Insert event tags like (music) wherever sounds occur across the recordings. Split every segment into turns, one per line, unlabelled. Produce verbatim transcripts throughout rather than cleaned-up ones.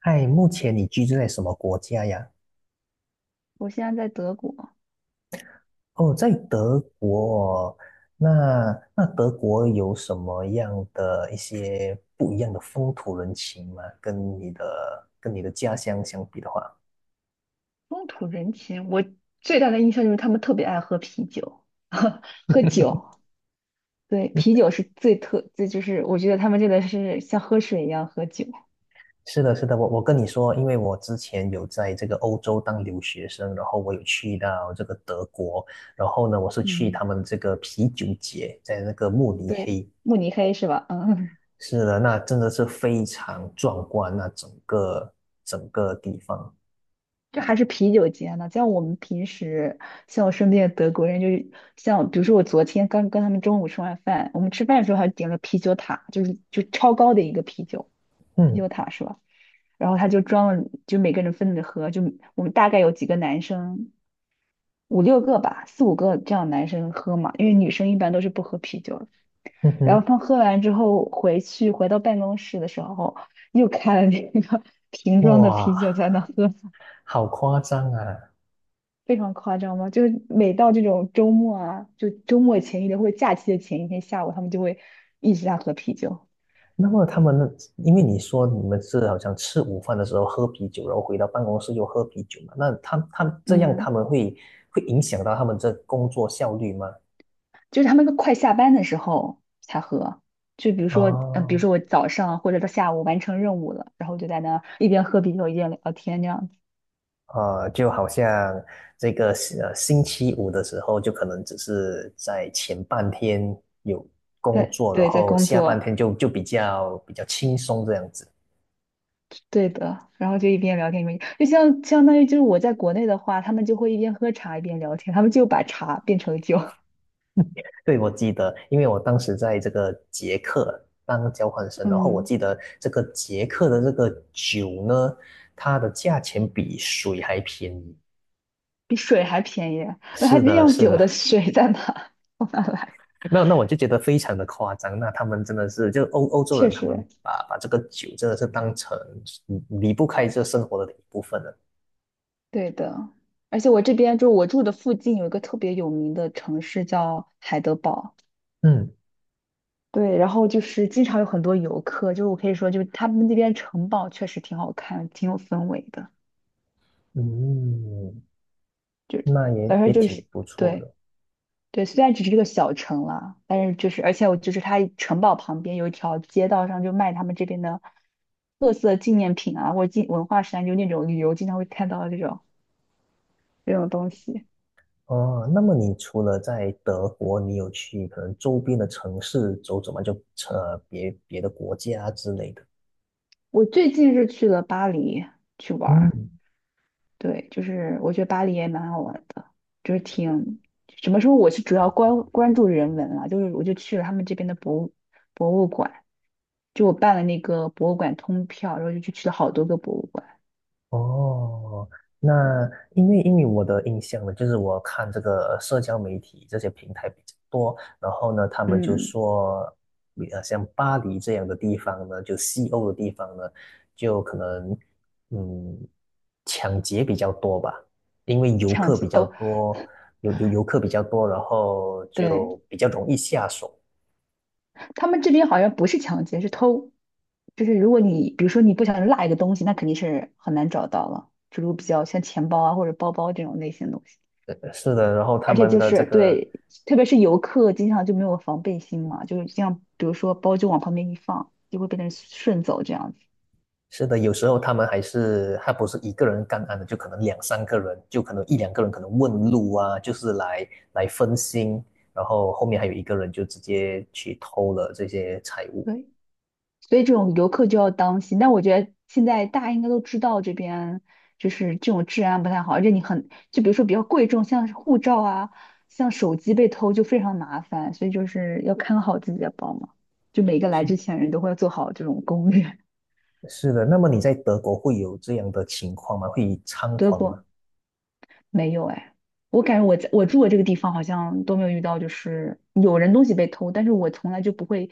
嗨，目前你居住在什么国家呀？
我现在在德国，
哦，在德国哦。那那德国有什么样的一些不一样的风土人情吗？跟你的跟你的家乡相比的话。
风土人情，我最大的印象就是他们特别爱喝啤酒，(laughs) 喝酒，对，啤酒是最特，这就是我觉得他们真的是像喝水一样喝酒。
是的，是的，我我跟你说，因为我之前有在这个欧洲当留学生，然后我有去到这个德国，然后呢，我是去
嗯，
他们这个啤酒节，在那个慕尼
对，
黑。
慕尼黑是吧？嗯，
是的，那真的是非常壮观，那整个整个地方。
这还是啤酒节呢，像我们平时，像我身边的德国人，就是像比如说我昨天刚跟他们中午吃完饭，我们吃饭的时候还点了啤酒塔，就是就超高的一个啤酒，啤酒
嗯
塔是吧？然后他就装了，就每个人分着喝，就我们大概有几个男生，五六个吧，四五个这样男生喝嘛，因为女生一般都是不喝啤酒的。
嗯
然
哼。
后他喝完之后回去，回到办公室的时候，又开了那个 (laughs) 瓶装的啤酒
哇，
在那喝，
好夸张啊！
非常夸张吗？就是每到这种周末啊，就周末前一天或者假期的前一天下午，他们就会一直在喝啤酒。
那么他们，因为你说你们是好像吃午饭的时候喝啤酒，然后回到办公室又喝啤酒嘛，那他他这样他
嗯，
们会会影响到他们这工作效率吗？
就是他们快下班的时候才喝。就比如说，嗯、比如
哦，
说我早上或者到下午完成任务了，然后就在那一边喝啤酒一边聊天这样子。
呃，就好像这个呃星期五的时候，就可能只是在前半天有工
对
作，然
对，在
后
工
下半
作，
天就就比较比较轻松这样子。
对的。然后就一边聊天一边，就像相当于就是我在国内的话，他们就会一边喝茶一边聊天，他们就把茶变成酒。
对，我记得，因为我当时在这个捷克当交换
(laughs)
生，然后我
嗯，
记得这个捷克的这个酒呢，它的价钱比水还便宜。
比水还便宜，那它
是的，
酿
是
酒
的，
的水在哪？(laughs) 从哪来？
(laughs) 那那我就觉得非常的夸张。那他们真的是，就欧欧洲人，
确
他们
实，
把把这个酒真的是当成离不开这生活的一部分了。
对的。而且我这边就我住的附近有一个特别有名的城市叫海德堡，
嗯
对，然后就是经常有很多游客，就是我可以说，就是他们那边城堡确实挺好看，挺有氛围的，
嗯，
就
那
而
也
且
也
就
挺
是
不错
对，
的。
对，虽然只是这个小城啦，但是就是，而且我就是它城堡旁边有一条街道上就卖他们这边的特色纪念品啊，或者纪文化衫，就那种旅游经常会看到的这种这种东西。
哦，那么你除了在德国，你有去可能周边的城市走走吗？就呃别别的国家之类的。
我最近是去了巴黎去玩儿，
嗯，
对，就是我觉得巴黎也蛮好玩的，就是挺什么时候我是主要关关注人文了，就是我就去了他们这边的博物博物馆，就我办了那个博物馆通票，然后就去去了好多个博物馆，
哦，那因为因为我的印象呢，就是我看这个社交媒体这些平台比较多，然后呢，他们就
嗯，
说，呃，像巴黎这样的地方呢，就西欧的地方呢，就可能嗯，抢劫比较多吧，因为游
抢
客比
劫
较
哦。
多，有有游客比较多，然后就
对，
比较容易下手。
他们这边好像不是抢劫，是偷。就是如果你比如说你不小心落一个东西，那肯定是很难找到了。就如果比较像钱包啊或者包包这种类型的东西，
是的，然后他
而且
们
就
的这
是
个，
对，特别是游客经常就没有防备心嘛，就是这样，比如说包就往旁边一放，就会被人顺走这样子。
是的，有时候他们还是他不是一个人干案的，就可能两三个人，就可能一两个人可能问路啊，就是来来分心，然后后面还有一个人就直接去偷了这些财物。
对。所以这种游客就要当心。但我觉得现在大家应该都知道这边就是这种治安不太好，而且你很，就比如说比较贵重，像是护照啊，像手机被偷就非常麻烦，所以就是要看好自己的包嘛。就每个来之
是
前人都会做好这种攻略。
是的，那么你在德国会有这样的情况吗？会
(laughs)
猖
德
狂吗？
国，没有哎，我感觉我在我住的这个地方好像都没有遇到，就是有人东西被偷，但是我从来就不会，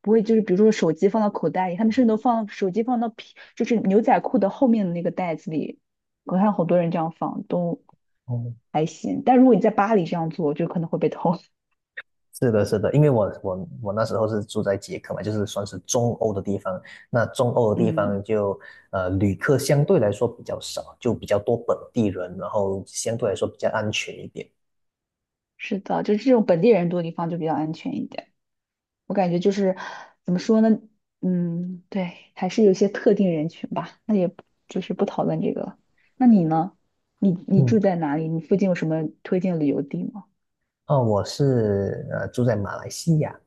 不会就是比如说手机放到口袋里，他们甚至都放手机放到皮，就是牛仔裤的后面的那个袋子里，我看好多人这样放都
哦，
还行，但如果你在巴黎这样做，就可能会被偷。(laughs)
是的，是的，因为我我我那时候是住在捷克嘛，就是算是中欧的地方。那中欧的地方
嗯，
就呃旅客相对来说比较少，就比较多本地人，然后相对来说比较安全一点。
是的，就是这种本地人多的地方就比较安全一点。我感觉就是怎么说呢，嗯，对，还是有一些特定人群吧。那也不就是不讨论这个了。那你呢？你你
嗯，
住在哪里？你附近有什么推荐旅游地吗？
哦，我是呃住在马来西亚，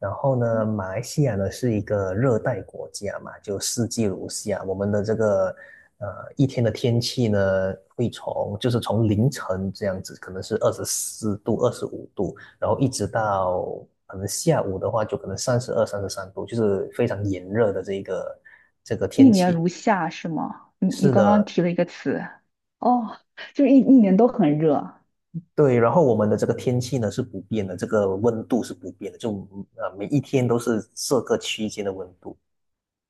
然后呢，马来西亚呢是一个热带国家嘛，就四季如夏。我们的这个呃一天的天气呢，会从就是从凌晨这样子，可能是二十四度、二十五度，然后一直到可能下午的话，就可能三十二、三十三度，就是非常炎热的这个这个
一
天
年
气。
如夏是吗？你你
是
刚刚
的，
提了一个词，哦，就是一一年都很热。
对，然后我们的这个天气呢是不变的，这个温度是不变的，就呃每一天都是这个区间的温度。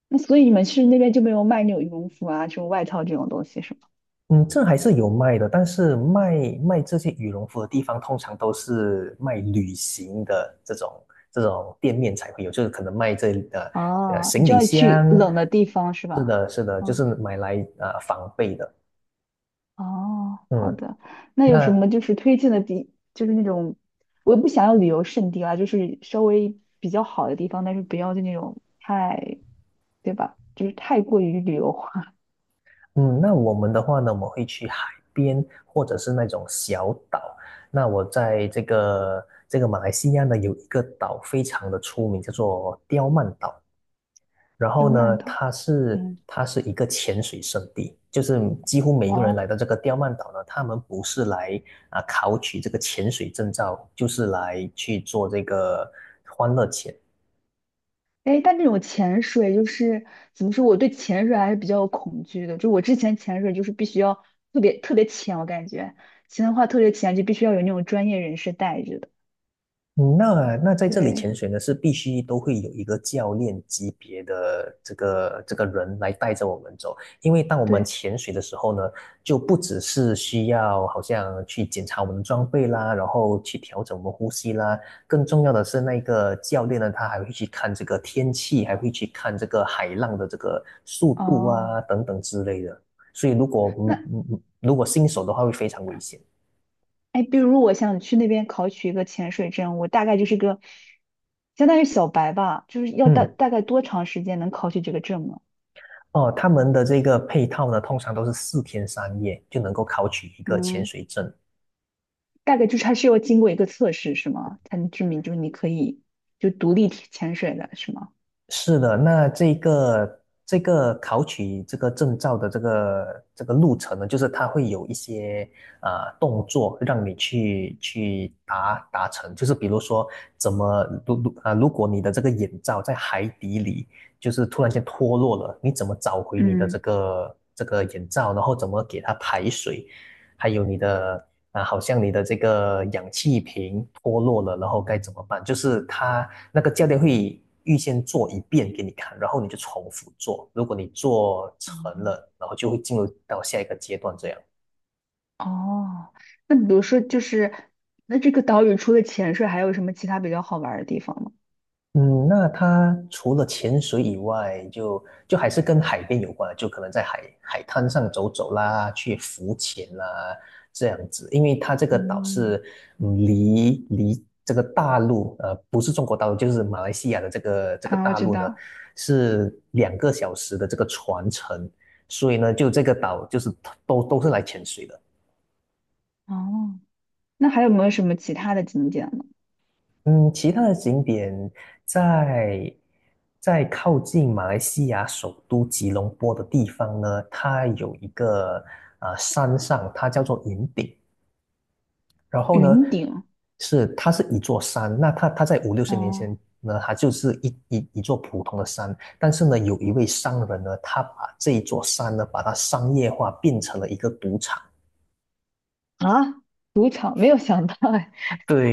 那所以你们去那边就没有卖那种羽绒服啊、这种外套这种东西是吗？
嗯，这还是有卖的，但是卖卖这些羽绒服的地方通常都是卖旅行的这种这种店面才会有，就是可能卖这呃呃
哦，你
行
就
李
要去
箱，
冷的地方是
是
吧？
的，是的，就
哦
是买来呃防备的。
哦，好
嗯。
的，那有什
那
么就是推荐的地，就是那种我也不想要旅游胜地啦，就是稍微比较好的地方，但是不要就那种太，对吧？就是太过于旅游化。(laughs)
嗯，那我们的话呢，我们会去海边或者是那种小岛。那我在这个这个马来西亚呢，有一个岛非常的出名，叫做刁曼岛。然后
刁曼
呢，
岛，
它是
嗯，
它是一个潜水圣地，就是几乎每一
哇
个人
哦，
来到这个刁曼岛呢，他们不是来啊考取这个潜水证照，就是来去做这个欢乐潜。
哎，但这种潜水就是怎么说，我对潜水还是比较有恐惧的。就我之前潜水就是必须要特别特别浅，我感觉潜的话特别浅就必须要有那种专业人士带着的。
嗯那那在这里
对
潜水呢，是必须都会有一个教练级别的这个这个人来带着我们走，因为当我们
对，
潜水的时候呢，就不只是需要好像去检查我们的装备啦，然后去调整我们呼吸啦，更重要的是那个教练呢，他还会去看这个天气，还会去看这个海浪的这个速度啊
哦。
等等之类的，所以如果
那
嗯嗯嗯如果新手的话会非常危险。
哎，比如我想去那边考取一个潜水证，我大概就是个相当于小白吧，就是要大
嗯。
大概多长时间能考取这个证呢？
哦，他们的这个配套呢，通常都是四天三夜就能够考取一个潜
嗯，
水证。
大概就是还是要经过一个测试是吗？才能证明就是你可以就独立体潜水的是吗？
是的，那这个这个考取这个证照的这个这个路程呢，就是它会有一些呃动作让你去去达达成，就是比如说怎么如如啊，如果你的这个眼罩在海底里就是突然间脱落了，你怎么找回你的这
嗯，
个这个眼罩，然后怎么给它排水。还有你的啊，好像你的这个氧气瓶脱落了，然后该怎么办？就是他那个教练会预先做一遍给你看，然后你就重复做。如果你做成了，然后就会进入到下一个阶段这样。
哦，那比如说就是那这个岛屿除了潜水还有什么其他比较好玩儿的地方吗？
嗯，那它除了潜水以外，就就还是跟海边有关的，就可能在海海滩上走走啦，去浮潜啦，这样子。因为它这个岛
嗯，
是嗯离离这个大陆，呃，不是中国大陆，就是马来西亚的这个这个
啊，我
大
知
陆呢，
道，
是两个小时的这个船程，所以呢，就这个岛就是都都是来潜水的。
哦，那还有没有什么其他的景点呢？
嗯，其他的景点在在靠近马来西亚首都吉隆坡的地方呢，它有一个啊、呃山上，它叫做云顶。然后呢，
云顶，
是它是一座山，那它它在五六十年
哦。
前呢，它就是一一一座普通的山。但是呢，有一位商人呢，他把这一座山呢，把它商业化，变成了一个赌场。
啊，赌场没有想到哎，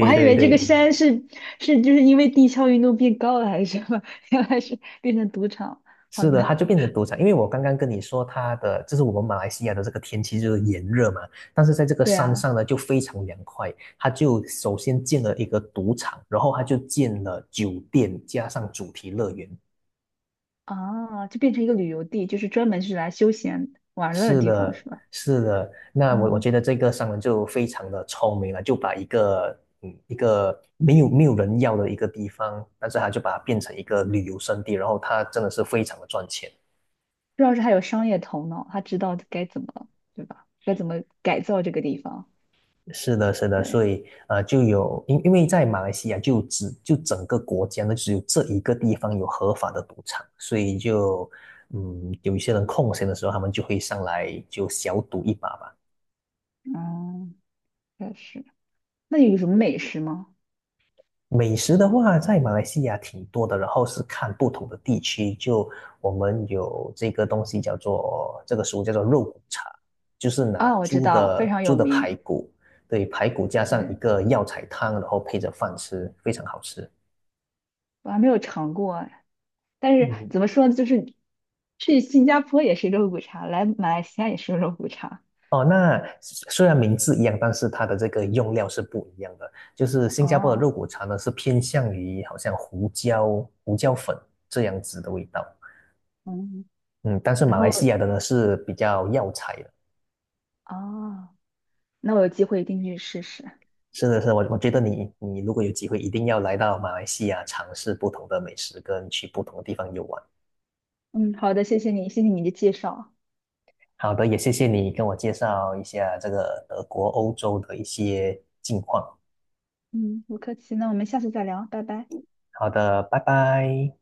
我还以
对
为这个
对。
山是是就是因为地壳运动变高了还是什么，原来是变成赌场。好
是的，
的，
它就变成赌场，因为我刚刚跟你说，它的就是我们马来西亚的这个天气就是炎热嘛，但是在这个
对
山
啊，
上呢就非常凉快，它就首先建了一个赌场，然后它就建了酒店加上主题乐园。
啊，就变成一个旅游地，就是专门是来休闲玩乐的
是
地方
的，
是吧？
是的，那我我
啊，
觉得这个商人就非常的聪明了，就把一个嗯一个没有没有人要的一个地方，但是他就把它变成一个旅游胜地，然后他真的是非常的赚钱。
主要是他有商业头脑，他知道该怎么，对吧？该怎么改造这个地方。
是的，是的，
对，
所以呃，就有因因为在马来西亚就只就整个国家呢，只有这一个地方有合法的赌场，所以就嗯，有一些人空闲的时候，他们就会上来就小赌一把吧。
嗯，确实。那有什么美食吗？
美食的话，在马来西亚挺多的，然后是看不同的地区，就我们有这个东西叫做这个食物叫做肉骨茶，就是拿
啊，我知
猪
道，非
的
常有
猪的排
名。
骨，对，排骨加上一
对，
个药材汤，然后配着饭吃，非常好吃。
我还没有尝过，但是
嗯，
怎么说呢，就是去新加坡也是肉骨茶，来马来西亚也是肉骨茶。
哦，那虽然名字一样，但是它的这个用料是不一样的。就是新加坡的
哦，
肉骨茶呢，是偏向于好像胡椒、胡椒粉这样子的味道。
嗯
嗯，但是
然
马来
后
西亚的呢是比较药材的。
啊，那我有机会一定去试试。
是的，是的，我我觉得你你如果有机会，一定要来到马来西亚尝试不同的美食，跟去不同的地方游玩。
嗯，好的，谢谢你，谢谢你的介绍。
好的，也谢谢你跟我介绍一下这个德国、欧洲的一些近况。
嗯，不客气，那我们下次再聊，拜拜。
好的，拜拜。